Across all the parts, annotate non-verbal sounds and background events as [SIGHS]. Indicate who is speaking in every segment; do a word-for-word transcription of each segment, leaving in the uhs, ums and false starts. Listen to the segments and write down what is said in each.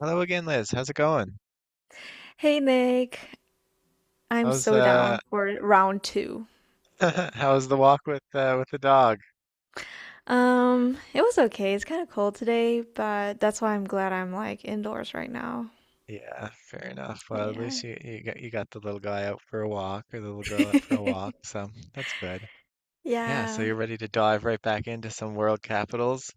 Speaker 1: Hello again, Liz. How's it going?
Speaker 2: Hey Nick, I'm
Speaker 1: How's
Speaker 2: so
Speaker 1: uh
Speaker 2: down for round two.
Speaker 1: [LAUGHS] how's the walk with uh with the dog?
Speaker 2: Um, it was okay. It's kind of cold today, but that's why I'm glad I'm like indoors right now.
Speaker 1: Yeah, fair enough. Well, at
Speaker 2: Yeah.
Speaker 1: least you you got you got the little guy out for a walk or the little girl out for a walk,
Speaker 2: [LAUGHS]
Speaker 1: so that's good. Yeah, so
Speaker 2: Yeah.
Speaker 1: you're ready to dive right back into some world capitals.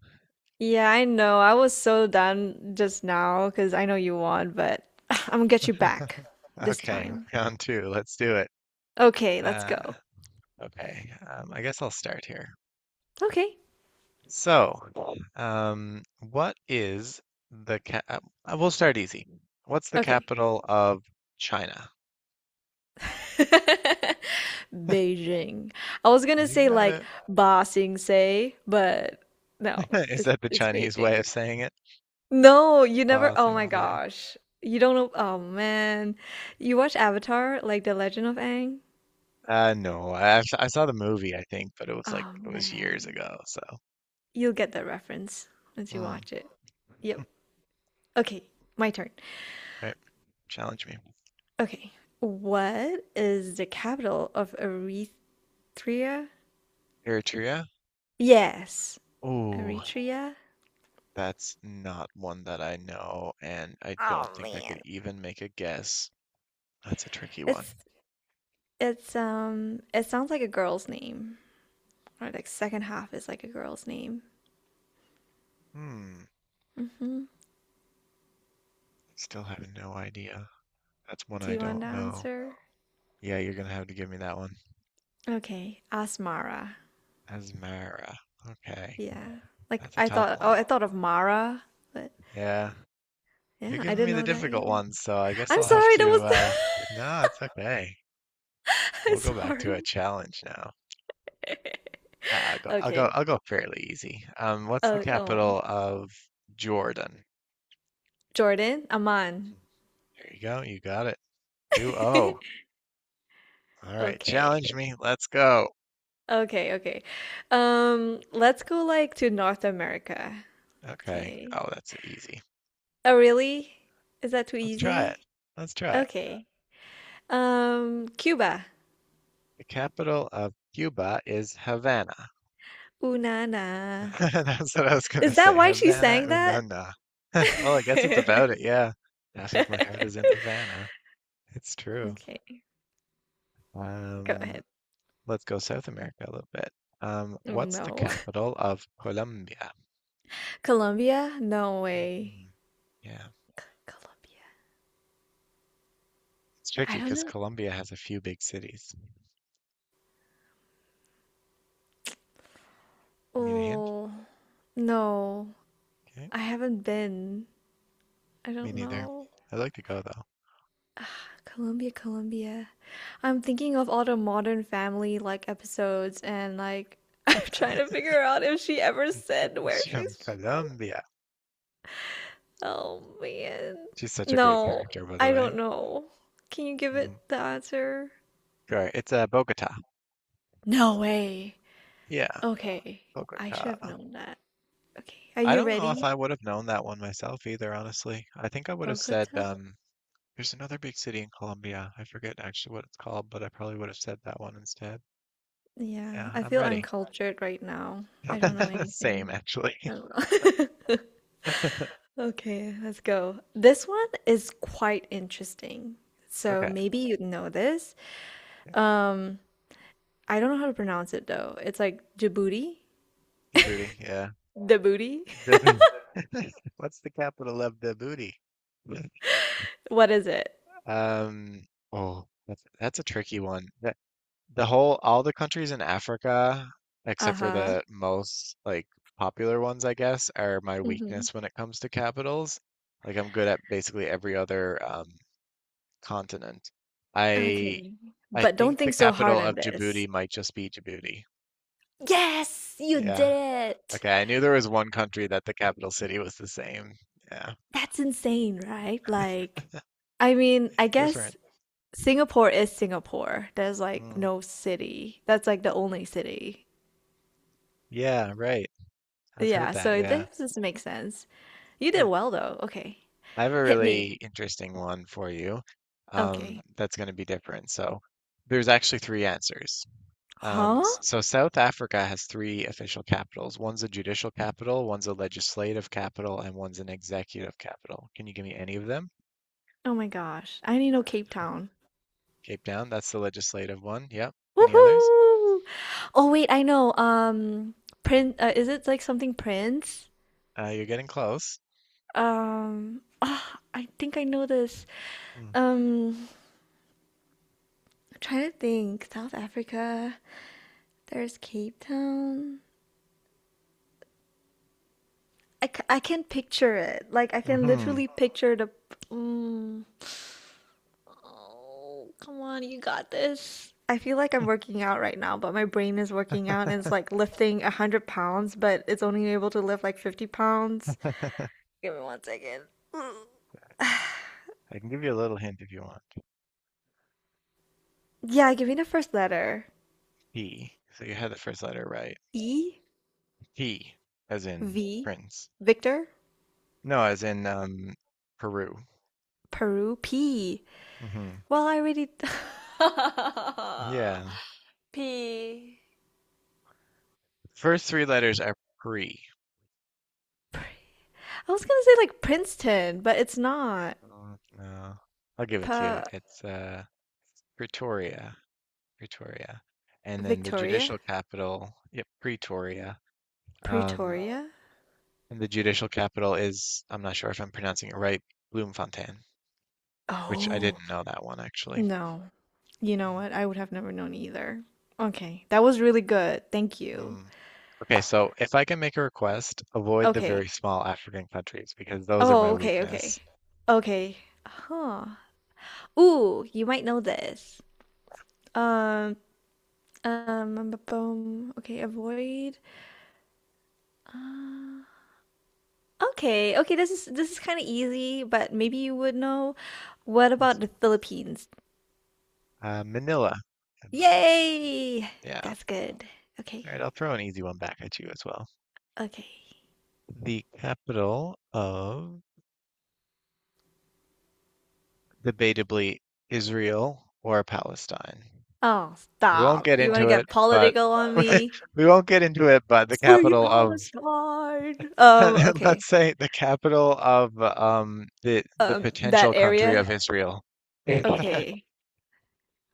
Speaker 2: Yeah, I know. I was so done just now because I know you won, but [SIGHS] I'm gonna get you back this
Speaker 1: Okay,
Speaker 2: time.
Speaker 1: [LAUGHS] round two. Let's do it.
Speaker 2: Okay, let's
Speaker 1: Uh,
Speaker 2: go.
Speaker 1: okay. Um, I guess I'll start here.
Speaker 2: Okay.
Speaker 1: So, um, what is the cap? We'll start easy. What's the
Speaker 2: Okay.
Speaker 1: capital of China?
Speaker 2: [LAUGHS] Beijing. I was gonna
Speaker 1: You
Speaker 2: say
Speaker 1: got
Speaker 2: like
Speaker 1: it.
Speaker 2: Ba Sing Se, but no,
Speaker 1: [LAUGHS] Is
Speaker 2: it's
Speaker 1: that the
Speaker 2: it's
Speaker 1: Chinese way
Speaker 2: Beijing.
Speaker 1: of saying it?
Speaker 2: No, you never.
Speaker 1: Ba
Speaker 2: Oh
Speaker 1: Sing
Speaker 2: my
Speaker 1: Se.
Speaker 2: gosh. You don't know. Oh man. You watch Avatar, like The Legend of Aang?
Speaker 1: Uh, no, I, I s- I saw the movie, I think, but it was like
Speaker 2: Oh
Speaker 1: it was years
Speaker 2: man.
Speaker 1: ago. So,
Speaker 2: You'll get that reference once you
Speaker 1: hmm.
Speaker 2: watch it. Yep. Okay, my turn.
Speaker 1: Right, challenge me.
Speaker 2: Okay. What is the capital of Eritrea?
Speaker 1: Eritrea?
Speaker 2: Yes,
Speaker 1: Ooh,
Speaker 2: Eritrea.
Speaker 1: that's not one that I know, and I don't
Speaker 2: Oh
Speaker 1: think I could
Speaker 2: man.
Speaker 1: even make a guess. That's a tricky one.
Speaker 2: It's it's um it sounds like a girl's name. Or like second half is like a girl's name.
Speaker 1: Hmm,
Speaker 2: hmm
Speaker 1: still have no idea. That's one
Speaker 2: Do
Speaker 1: I
Speaker 2: you want to
Speaker 1: don't know.
Speaker 2: answer?
Speaker 1: Yeah, you're gonna have to give me that one.
Speaker 2: Okay, ask Mara.
Speaker 1: Asmara. Okay,
Speaker 2: Yeah. Like
Speaker 1: that's a
Speaker 2: I
Speaker 1: tough
Speaker 2: thought, oh,
Speaker 1: one.
Speaker 2: I thought of Mara, but
Speaker 1: Yeah. You're
Speaker 2: yeah, I
Speaker 1: giving
Speaker 2: didn't
Speaker 1: me the
Speaker 2: know that
Speaker 1: difficult
Speaker 2: either.
Speaker 1: ones, so I guess
Speaker 2: I'm
Speaker 1: I'll have
Speaker 2: sorry, that
Speaker 1: to.
Speaker 2: was
Speaker 1: Uh, no, it's okay.
Speaker 2: [LAUGHS] I'm
Speaker 1: We'll go back to
Speaker 2: sorry.
Speaker 1: a challenge now.
Speaker 2: [LAUGHS]
Speaker 1: Ah, I'll go. I'll go.
Speaker 2: Okay.
Speaker 1: I'll go fairly easy. Um, what's the
Speaker 2: Oh, oh.
Speaker 1: capital of Jordan?
Speaker 2: Jordan, Aman.
Speaker 1: Mm-hmm. There you go. You got it. Two
Speaker 2: [LAUGHS]
Speaker 1: oh. All right.
Speaker 2: Okay.
Speaker 1: Challenge me. Let's go.
Speaker 2: Okay, okay. Um, let's go like to North America.
Speaker 1: Okay.
Speaker 2: Okay.
Speaker 1: Oh, that's easy.
Speaker 2: Oh, really? Is that too
Speaker 1: Let's try it.
Speaker 2: easy?
Speaker 1: Let's try it.
Speaker 2: Okay. Um, Cuba.
Speaker 1: The capital of Cuba is Havana.
Speaker 2: Ooh, na na.
Speaker 1: [LAUGHS] That's what I was gonna
Speaker 2: Is that
Speaker 1: say.
Speaker 2: why she
Speaker 1: Havana
Speaker 2: sang that?
Speaker 1: Unana. [LAUGHS] Well, I guess it's about it,
Speaker 2: [LAUGHS]
Speaker 1: yeah. Half of my heart is in
Speaker 2: [LAUGHS]
Speaker 1: Havana. It's true.
Speaker 2: Okay, go
Speaker 1: Um,
Speaker 2: ahead.
Speaker 1: let's go South America a little bit. Um,
Speaker 2: Oh
Speaker 1: what's the
Speaker 2: no.
Speaker 1: capital of Colombia?
Speaker 2: [LAUGHS] Colombia? No way.
Speaker 1: Mhm. Yeah,
Speaker 2: Colombia.
Speaker 1: it's
Speaker 2: I
Speaker 1: tricky
Speaker 2: don't
Speaker 1: because
Speaker 2: know.
Speaker 1: Colombia has a few big cities. Need a hint?
Speaker 2: Oh, no.
Speaker 1: Okay,
Speaker 2: I haven't been. I
Speaker 1: me
Speaker 2: don't
Speaker 1: neither.
Speaker 2: know.
Speaker 1: I'd like to go though.
Speaker 2: [SIGHS] Ah, Colombia, Colombia. I'm thinking of all the Modern Family like episodes and like [LAUGHS] I'm trying to figure out if she ever said
Speaker 1: [LAUGHS]
Speaker 2: where
Speaker 1: She's from
Speaker 2: she's from.
Speaker 1: Colombia.
Speaker 2: Oh man.
Speaker 1: She's such a great
Speaker 2: No,
Speaker 1: character, by the
Speaker 2: I don't
Speaker 1: way.
Speaker 2: know. Can you give it
Speaker 1: Mm.
Speaker 2: the answer?
Speaker 1: Sure, it's uh, Bogota.
Speaker 2: No way.
Speaker 1: Yeah,
Speaker 2: Okay, I should have
Speaker 1: Bogota.
Speaker 2: known that. Okay, are
Speaker 1: I
Speaker 2: you
Speaker 1: don't know if
Speaker 2: ready?
Speaker 1: I would have known that one myself either, honestly. I think I would have said,
Speaker 2: Bogota?
Speaker 1: um, there's another big city in Colombia. I forget actually what it's called, but I probably would have said that one instead.
Speaker 2: Yeah,
Speaker 1: Yeah,
Speaker 2: I
Speaker 1: I'm
Speaker 2: feel
Speaker 1: ready.
Speaker 2: uncultured right now. I don't know
Speaker 1: [LAUGHS] Same,
Speaker 2: anything.
Speaker 1: actually.
Speaker 2: I
Speaker 1: [LAUGHS]
Speaker 2: don't know. [LAUGHS] Okay, let's go. This one is quite interesting. So
Speaker 1: Okay.
Speaker 2: maybe you know this.
Speaker 1: Yeah.
Speaker 2: Um, I don't know how to pronounce it though. It's like Djibouti?
Speaker 1: Djibouti, yeah.
Speaker 2: Djibouti.
Speaker 1: Djibouti. [LAUGHS] What's the capital of Djibouti? [LAUGHS]
Speaker 2: [LAUGHS] What is it?
Speaker 1: Um, oh, that's that's a tricky one. The whole, all the countries in Africa, except for
Speaker 2: Uh-huh.
Speaker 1: the most like popular ones, I guess, are my
Speaker 2: Hmm.
Speaker 1: weakness when it comes to capitals. Like I'm good at basically every other um, continent. I
Speaker 2: Okay.
Speaker 1: I
Speaker 2: But don't
Speaker 1: think the
Speaker 2: think so hard
Speaker 1: capital
Speaker 2: on
Speaker 1: of
Speaker 2: this.
Speaker 1: Djibouti might just be Djibouti.
Speaker 2: Yes, you
Speaker 1: Yeah.
Speaker 2: did it.
Speaker 1: Okay, I knew there was one country that the capital city was the same. Yeah,
Speaker 2: That's insane, right? Like, I mean,
Speaker 1: it's
Speaker 2: I
Speaker 1: different.
Speaker 2: guess Singapore is Singapore. There's like
Speaker 1: Hmm.
Speaker 2: no city. That's like the only city.
Speaker 1: Yeah, right. I've heard
Speaker 2: Yeah,
Speaker 1: that.
Speaker 2: so
Speaker 1: Yeah.
Speaker 2: this does make sense. You did
Speaker 1: [LAUGHS]
Speaker 2: well though. Okay.
Speaker 1: I have a
Speaker 2: Hit
Speaker 1: really
Speaker 2: me.
Speaker 1: interesting one for you. Um,
Speaker 2: Okay.
Speaker 1: that's going to be different. So there's actually three answers. Um,
Speaker 2: Huh?
Speaker 1: s- so South Africa has three official capitals. One's a judicial capital, one's a legislative capital, and one's an executive capital. Can you give me any of them?
Speaker 2: Oh my gosh. I need to know Cape Town.
Speaker 1: Cape Town, that's the legislative one. Yep. Any others?
Speaker 2: Woohoo! Oh wait, I know. Um, Prince, uh, is it like something Prince?
Speaker 1: Uh, you're getting close.
Speaker 2: Um, ah, I think I know this. Um, I'm trying to think. South Africa. There's Cape Town. I, c- I can picture it. Like, I can
Speaker 1: Mm-hmm.
Speaker 2: literally picture the. Mm. Oh, come on, you got this. I feel like I'm working out right now, but my brain is working out and it's like lifting a hundred pounds, but it's only able to lift like fifty pounds. Give me one second. [SIGHS]
Speaker 1: I can give you a little hint if you want.
Speaker 2: Mm. Yeah, give me the first letter.
Speaker 1: P. So you had the first letter right.
Speaker 2: E,
Speaker 1: P, as in
Speaker 2: V,
Speaker 1: prince.
Speaker 2: Victor,
Speaker 1: No, as in um, Peru.
Speaker 2: Peru, P.
Speaker 1: Mm-hmm.
Speaker 2: Well, I already.
Speaker 1: Yeah.
Speaker 2: [LAUGHS] P,
Speaker 1: First three letters are pre.
Speaker 2: I was gonna say like Princeton, but it's not.
Speaker 1: Oh, no. I'll give it to you.
Speaker 2: Pa
Speaker 1: It's uh Pretoria. Pretoria. And then the
Speaker 2: Victoria?
Speaker 1: judicial capital, yep, Pretoria. Um,
Speaker 2: Pretoria?
Speaker 1: and the judicial capital is, I'm not sure if I'm pronouncing it right, Bloemfontein, which I
Speaker 2: Oh,
Speaker 1: didn't know that one actually.
Speaker 2: no. You know
Speaker 1: Mm,
Speaker 2: what? I would have never known either. Okay, that was really good. Thank you.
Speaker 1: mm. Okay, so if I can make a request, avoid the very
Speaker 2: Okay.
Speaker 1: small African countries because those are my
Speaker 2: Oh, okay, okay.
Speaker 1: weakness.
Speaker 2: Okay. Huh. Ooh, you might know this. Um, um, bu- bum. Okay, avoid. Uh, okay, okay, this is this is kind of easy, but maybe you would know. What about
Speaker 1: Awesome.
Speaker 2: the Philippines?
Speaker 1: Uh, Manila, I believe.
Speaker 2: Yay!
Speaker 1: Yeah.
Speaker 2: That's good. Okay.
Speaker 1: All right, I'll throw an easy one back at you as well.
Speaker 2: Okay.
Speaker 1: The capital of debatably Israel or Palestine.
Speaker 2: Oh,
Speaker 1: We won't
Speaker 2: stop.
Speaker 1: get
Speaker 2: You want to
Speaker 1: into it,
Speaker 2: get
Speaker 1: but
Speaker 2: political on me?
Speaker 1: [LAUGHS] we won't get into it, but the
Speaker 2: Free
Speaker 1: capital of
Speaker 2: Palestine. Um,
Speaker 1: [LAUGHS]
Speaker 2: okay.
Speaker 1: let's say the capital of um the the
Speaker 2: Um, that
Speaker 1: potential country
Speaker 2: area.
Speaker 1: of Israel.
Speaker 2: Okay.
Speaker 1: [LAUGHS]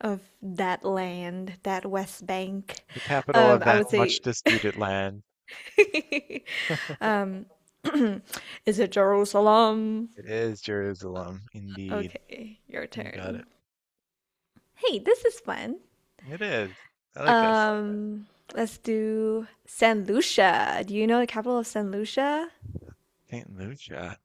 Speaker 2: Of that land, that West Bank.
Speaker 1: The capital
Speaker 2: Um,
Speaker 1: of
Speaker 2: I
Speaker 1: that
Speaker 2: would say
Speaker 1: much disputed land.
Speaker 2: [LAUGHS] um [CLEARS THROAT] is it Jerusalem?
Speaker 1: It is Jerusalem, indeed.
Speaker 2: Okay, your
Speaker 1: You got
Speaker 2: turn.
Speaker 1: it.
Speaker 2: Hey, this is fun.
Speaker 1: It is. I like this.
Speaker 2: Um, let's do San Lucia. Do you know the capital of San Lucia?
Speaker 1: Saint Lucia.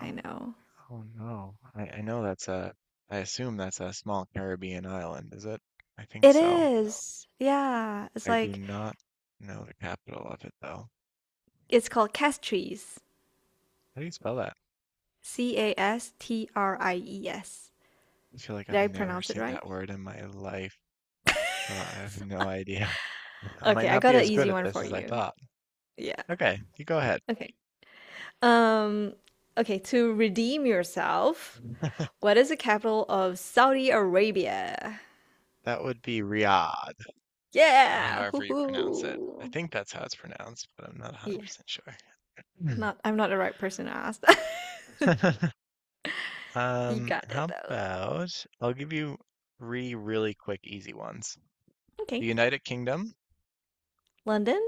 Speaker 2: I
Speaker 1: Oh,
Speaker 2: know.
Speaker 1: Oh no. I, I know that's a, I assume that's a small Caribbean island, is it? I think
Speaker 2: It
Speaker 1: so.
Speaker 2: is. Yeah. It's
Speaker 1: I do
Speaker 2: like
Speaker 1: not know the capital of it though.
Speaker 2: it's called Castries.
Speaker 1: How do you spell that?
Speaker 2: C A S T R I E S.
Speaker 1: I feel like
Speaker 2: Did
Speaker 1: I've
Speaker 2: I
Speaker 1: never
Speaker 2: pronounce it
Speaker 1: seen
Speaker 2: right?
Speaker 1: that word in my life. So I have no idea. [LAUGHS] I might
Speaker 2: Okay, I
Speaker 1: not
Speaker 2: got
Speaker 1: be
Speaker 2: an
Speaker 1: as good
Speaker 2: easy
Speaker 1: at
Speaker 2: one
Speaker 1: this
Speaker 2: for
Speaker 1: as I
Speaker 2: you.
Speaker 1: thought.
Speaker 2: Yeah.
Speaker 1: Okay, you go ahead.
Speaker 2: Okay. Um, okay, to redeem yourself,
Speaker 1: [LAUGHS]
Speaker 2: what is the capital of Saudi Arabia?
Speaker 1: That would be Riyadh, or
Speaker 2: Yeah.
Speaker 1: however you pronounce it. I
Speaker 2: Hoo-hoo.
Speaker 1: think that's how it's pronounced, but I'm not
Speaker 2: Yeah.
Speaker 1: one hundred percent sure.
Speaker 2: Not I'm not the right person to ask that. [LAUGHS]
Speaker 1: Hmm. [LAUGHS]
Speaker 2: You
Speaker 1: Um,
Speaker 2: got it
Speaker 1: how
Speaker 2: though.
Speaker 1: about I'll give you three really quick, easy ones. The
Speaker 2: Okay.
Speaker 1: United Kingdom,
Speaker 2: London?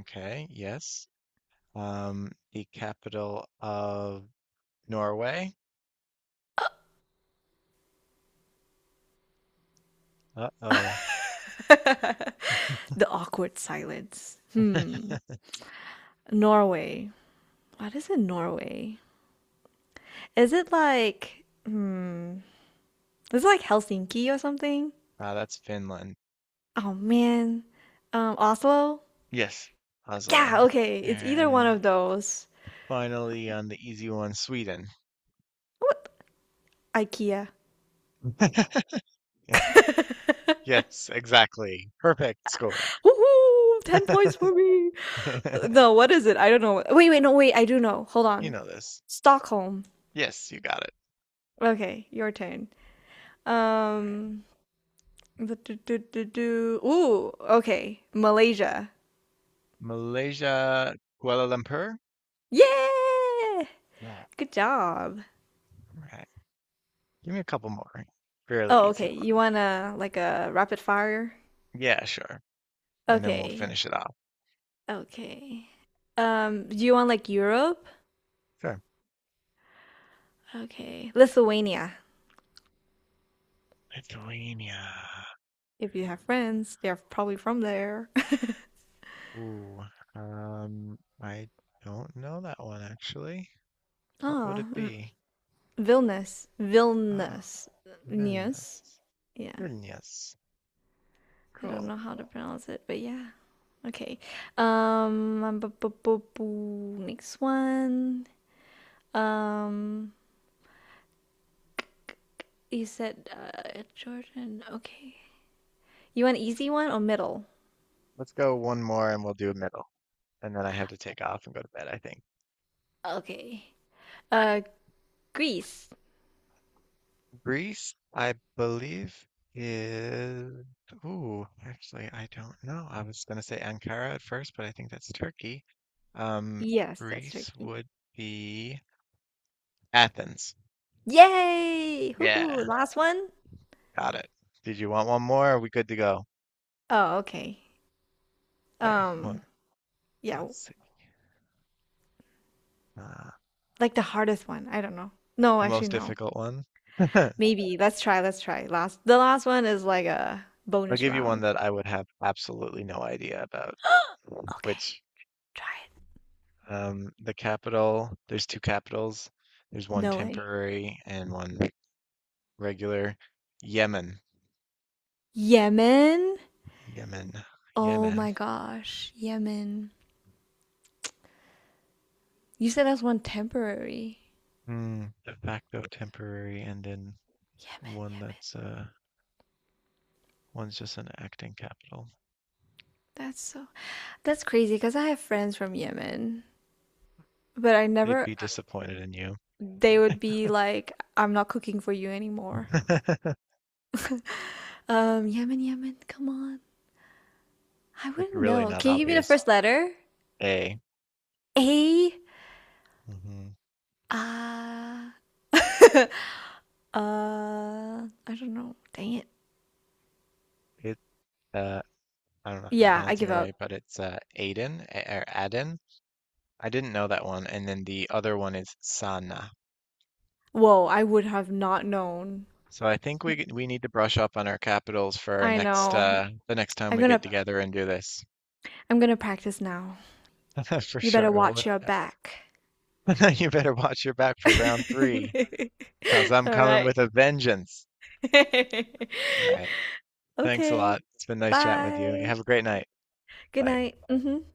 Speaker 1: okay, yes. Um, the capital of Norway.
Speaker 2: [LAUGHS]
Speaker 1: Uh-oh.
Speaker 2: The awkward silence. Hmm. Norway. What is in Norway? Is it like hmm is it like Helsinki or something?
Speaker 1: Ah, that's Finland.
Speaker 2: Oh man. Um Oslo?
Speaker 1: Yes. Oslo.
Speaker 2: Yeah, okay. It's either one
Speaker 1: And
Speaker 2: of those.
Speaker 1: finally, on the easy one, Sweden. [LAUGHS]
Speaker 2: What, IKEA. [LAUGHS] Woohoo!
Speaker 1: Yes, exactly. Perfect score.
Speaker 2: ten
Speaker 1: [LAUGHS]
Speaker 2: points for me. No, what is it? I don't know. Wait, wait, no, wait. I do know. Hold
Speaker 1: You
Speaker 2: on.
Speaker 1: know this.
Speaker 2: Stockholm.
Speaker 1: Yes, you got it.
Speaker 2: Okay, your turn.
Speaker 1: All right.
Speaker 2: Um, but do do do do. Ooh, okay, Malaysia.
Speaker 1: Malaysia, Kuala Lumpur.
Speaker 2: Yeah,
Speaker 1: Yeah.
Speaker 2: good job.
Speaker 1: All right. Give me a couple more right? Fairly
Speaker 2: Oh,
Speaker 1: easy
Speaker 2: okay.
Speaker 1: ones.
Speaker 2: You want to, like, a rapid fire?
Speaker 1: Yeah, sure. And then we'll
Speaker 2: Okay,
Speaker 1: finish it off.
Speaker 2: okay. Um, do you want like Europe?
Speaker 1: Sure.
Speaker 2: Okay, Lithuania.
Speaker 1: Lithuania.
Speaker 2: If you have friends, they're probably from there. [LAUGHS]
Speaker 1: Ooh. Um, I don't know that one actually. What would
Speaker 2: Ah,
Speaker 1: it
Speaker 2: V
Speaker 1: be?
Speaker 2: Vilnius,
Speaker 1: Ah,
Speaker 2: Vilnius, Vilnius.
Speaker 1: Vilnius.
Speaker 2: Yeah,
Speaker 1: Vilnius.
Speaker 2: I don't
Speaker 1: Cool.
Speaker 2: know how to pronounce it, but yeah. Okay. Um, um, bu- bu- bu- bu- next one. Um, you said uh Jordan. Okay. You want easy one or middle?
Speaker 1: Let's go one more and we'll do a middle. And then I have to take off and go to bed, I think.
Speaker 2: Okay. Uh, Greece.
Speaker 1: Greece, I believe, is. Ooh, actually, I don't know. I was going to say Ankara at first, but I think that's Turkey. Um,
Speaker 2: Yes, that's
Speaker 1: Greece
Speaker 2: Turkey.
Speaker 1: would be Athens.
Speaker 2: Yay! Hoo
Speaker 1: Yeah,
Speaker 2: hoo. Last one?
Speaker 1: got it. Did you want one more? Are we good to go?
Speaker 2: Oh, okay.
Speaker 1: Okay, one.
Speaker 2: Um, yeah,
Speaker 1: Let's see. Uh,
Speaker 2: like the hardest one. I don't know. No,
Speaker 1: the
Speaker 2: actually,
Speaker 1: most
Speaker 2: no.
Speaker 1: difficult one. [LAUGHS] I'll
Speaker 2: Maybe. Let's try. Let's try. Last. The last one is like a bonus
Speaker 1: give you one
Speaker 2: round.
Speaker 1: that I would have absolutely no idea about,
Speaker 2: [GASPS] Okay.
Speaker 1: which
Speaker 2: Try it.
Speaker 1: um, the capital, there's two capitals. There's one
Speaker 2: No way.
Speaker 1: temporary and one regular. Yemen,
Speaker 2: Yemen?
Speaker 1: Yemen,
Speaker 2: Oh
Speaker 1: Yemen.
Speaker 2: my gosh, Yemen. You said that's one temporary.
Speaker 1: Hmm, de facto temporary, and then
Speaker 2: Yemen,
Speaker 1: one
Speaker 2: Yemen.
Speaker 1: that's uh, one's just an acting capital.
Speaker 2: That's so that's crazy because I have friends from Yemen, but I
Speaker 1: They'd
Speaker 2: never,
Speaker 1: be disappointed in you.
Speaker 2: they would be like, I'm not cooking for you anymore.
Speaker 1: [LAUGHS]
Speaker 2: [LAUGHS] Um, Yemen, Yemen, come on. I
Speaker 1: It's
Speaker 2: wouldn't
Speaker 1: really
Speaker 2: know.
Speaker 1: not
Speaker 2: Can you give me the
Speaker 1: obvious.
Speaker 2: first letter?
Speaker 1: A.
Speaker 2: A,
Speaker 1: Hmm.
Speaker 2: ah [LAUGHS] uh, I don't know. Dang it.
Speaker 1: It. Uh, I don't know if I'm
Speaker 2: Yeah, I
Speaker 1: pronouncing
Speaker 2: give
Speaker 1: it
Speaker 2: up.
Speaker 1: right, but it's uh, Aden or Aden. I didn't know that one, and then the other one is Sana.
Speaker 2: Whoa, I would have not known.
Speaker 1: So I think we we need to brush up on our capitals for our
Speaker 2: I
Speaker 1: next
Speaker 2: know.
Speaker 1: uh, the next time
Speaker 2: I'm
Speaker 1: we
Speaker 2: gonna
Speaker 1: get together and do this
Speaker 2: I'm gonna practice now.
Speaker 1: [LAUGHS] for
Speaker 2: You better
Speaker 1: sure. Well,
Speaker 2: watch
Speaker 1: with
Speaker 2: your back.
Speaker 1: [LAUGHS] now you better watch your back
Speaker 2: [LAUGHS]
Speaker 1: for round
Speaker 2: All
Speaker 1: three, because I'm coming
Speaker 2: right.
Speaker 1: with a vengeance.
Speaker 2: [LAUGHS]
Speaker 1: All right. Thanks a
Speaker 2: Okay.
Speaker 1: lot. It's been nice chatting with you. You
Speaker 2: Bye.
Speaker 1: have a great night.
Speaker 2: Good
Speaker 1: Bye.
Speaker 2: night. Hmm.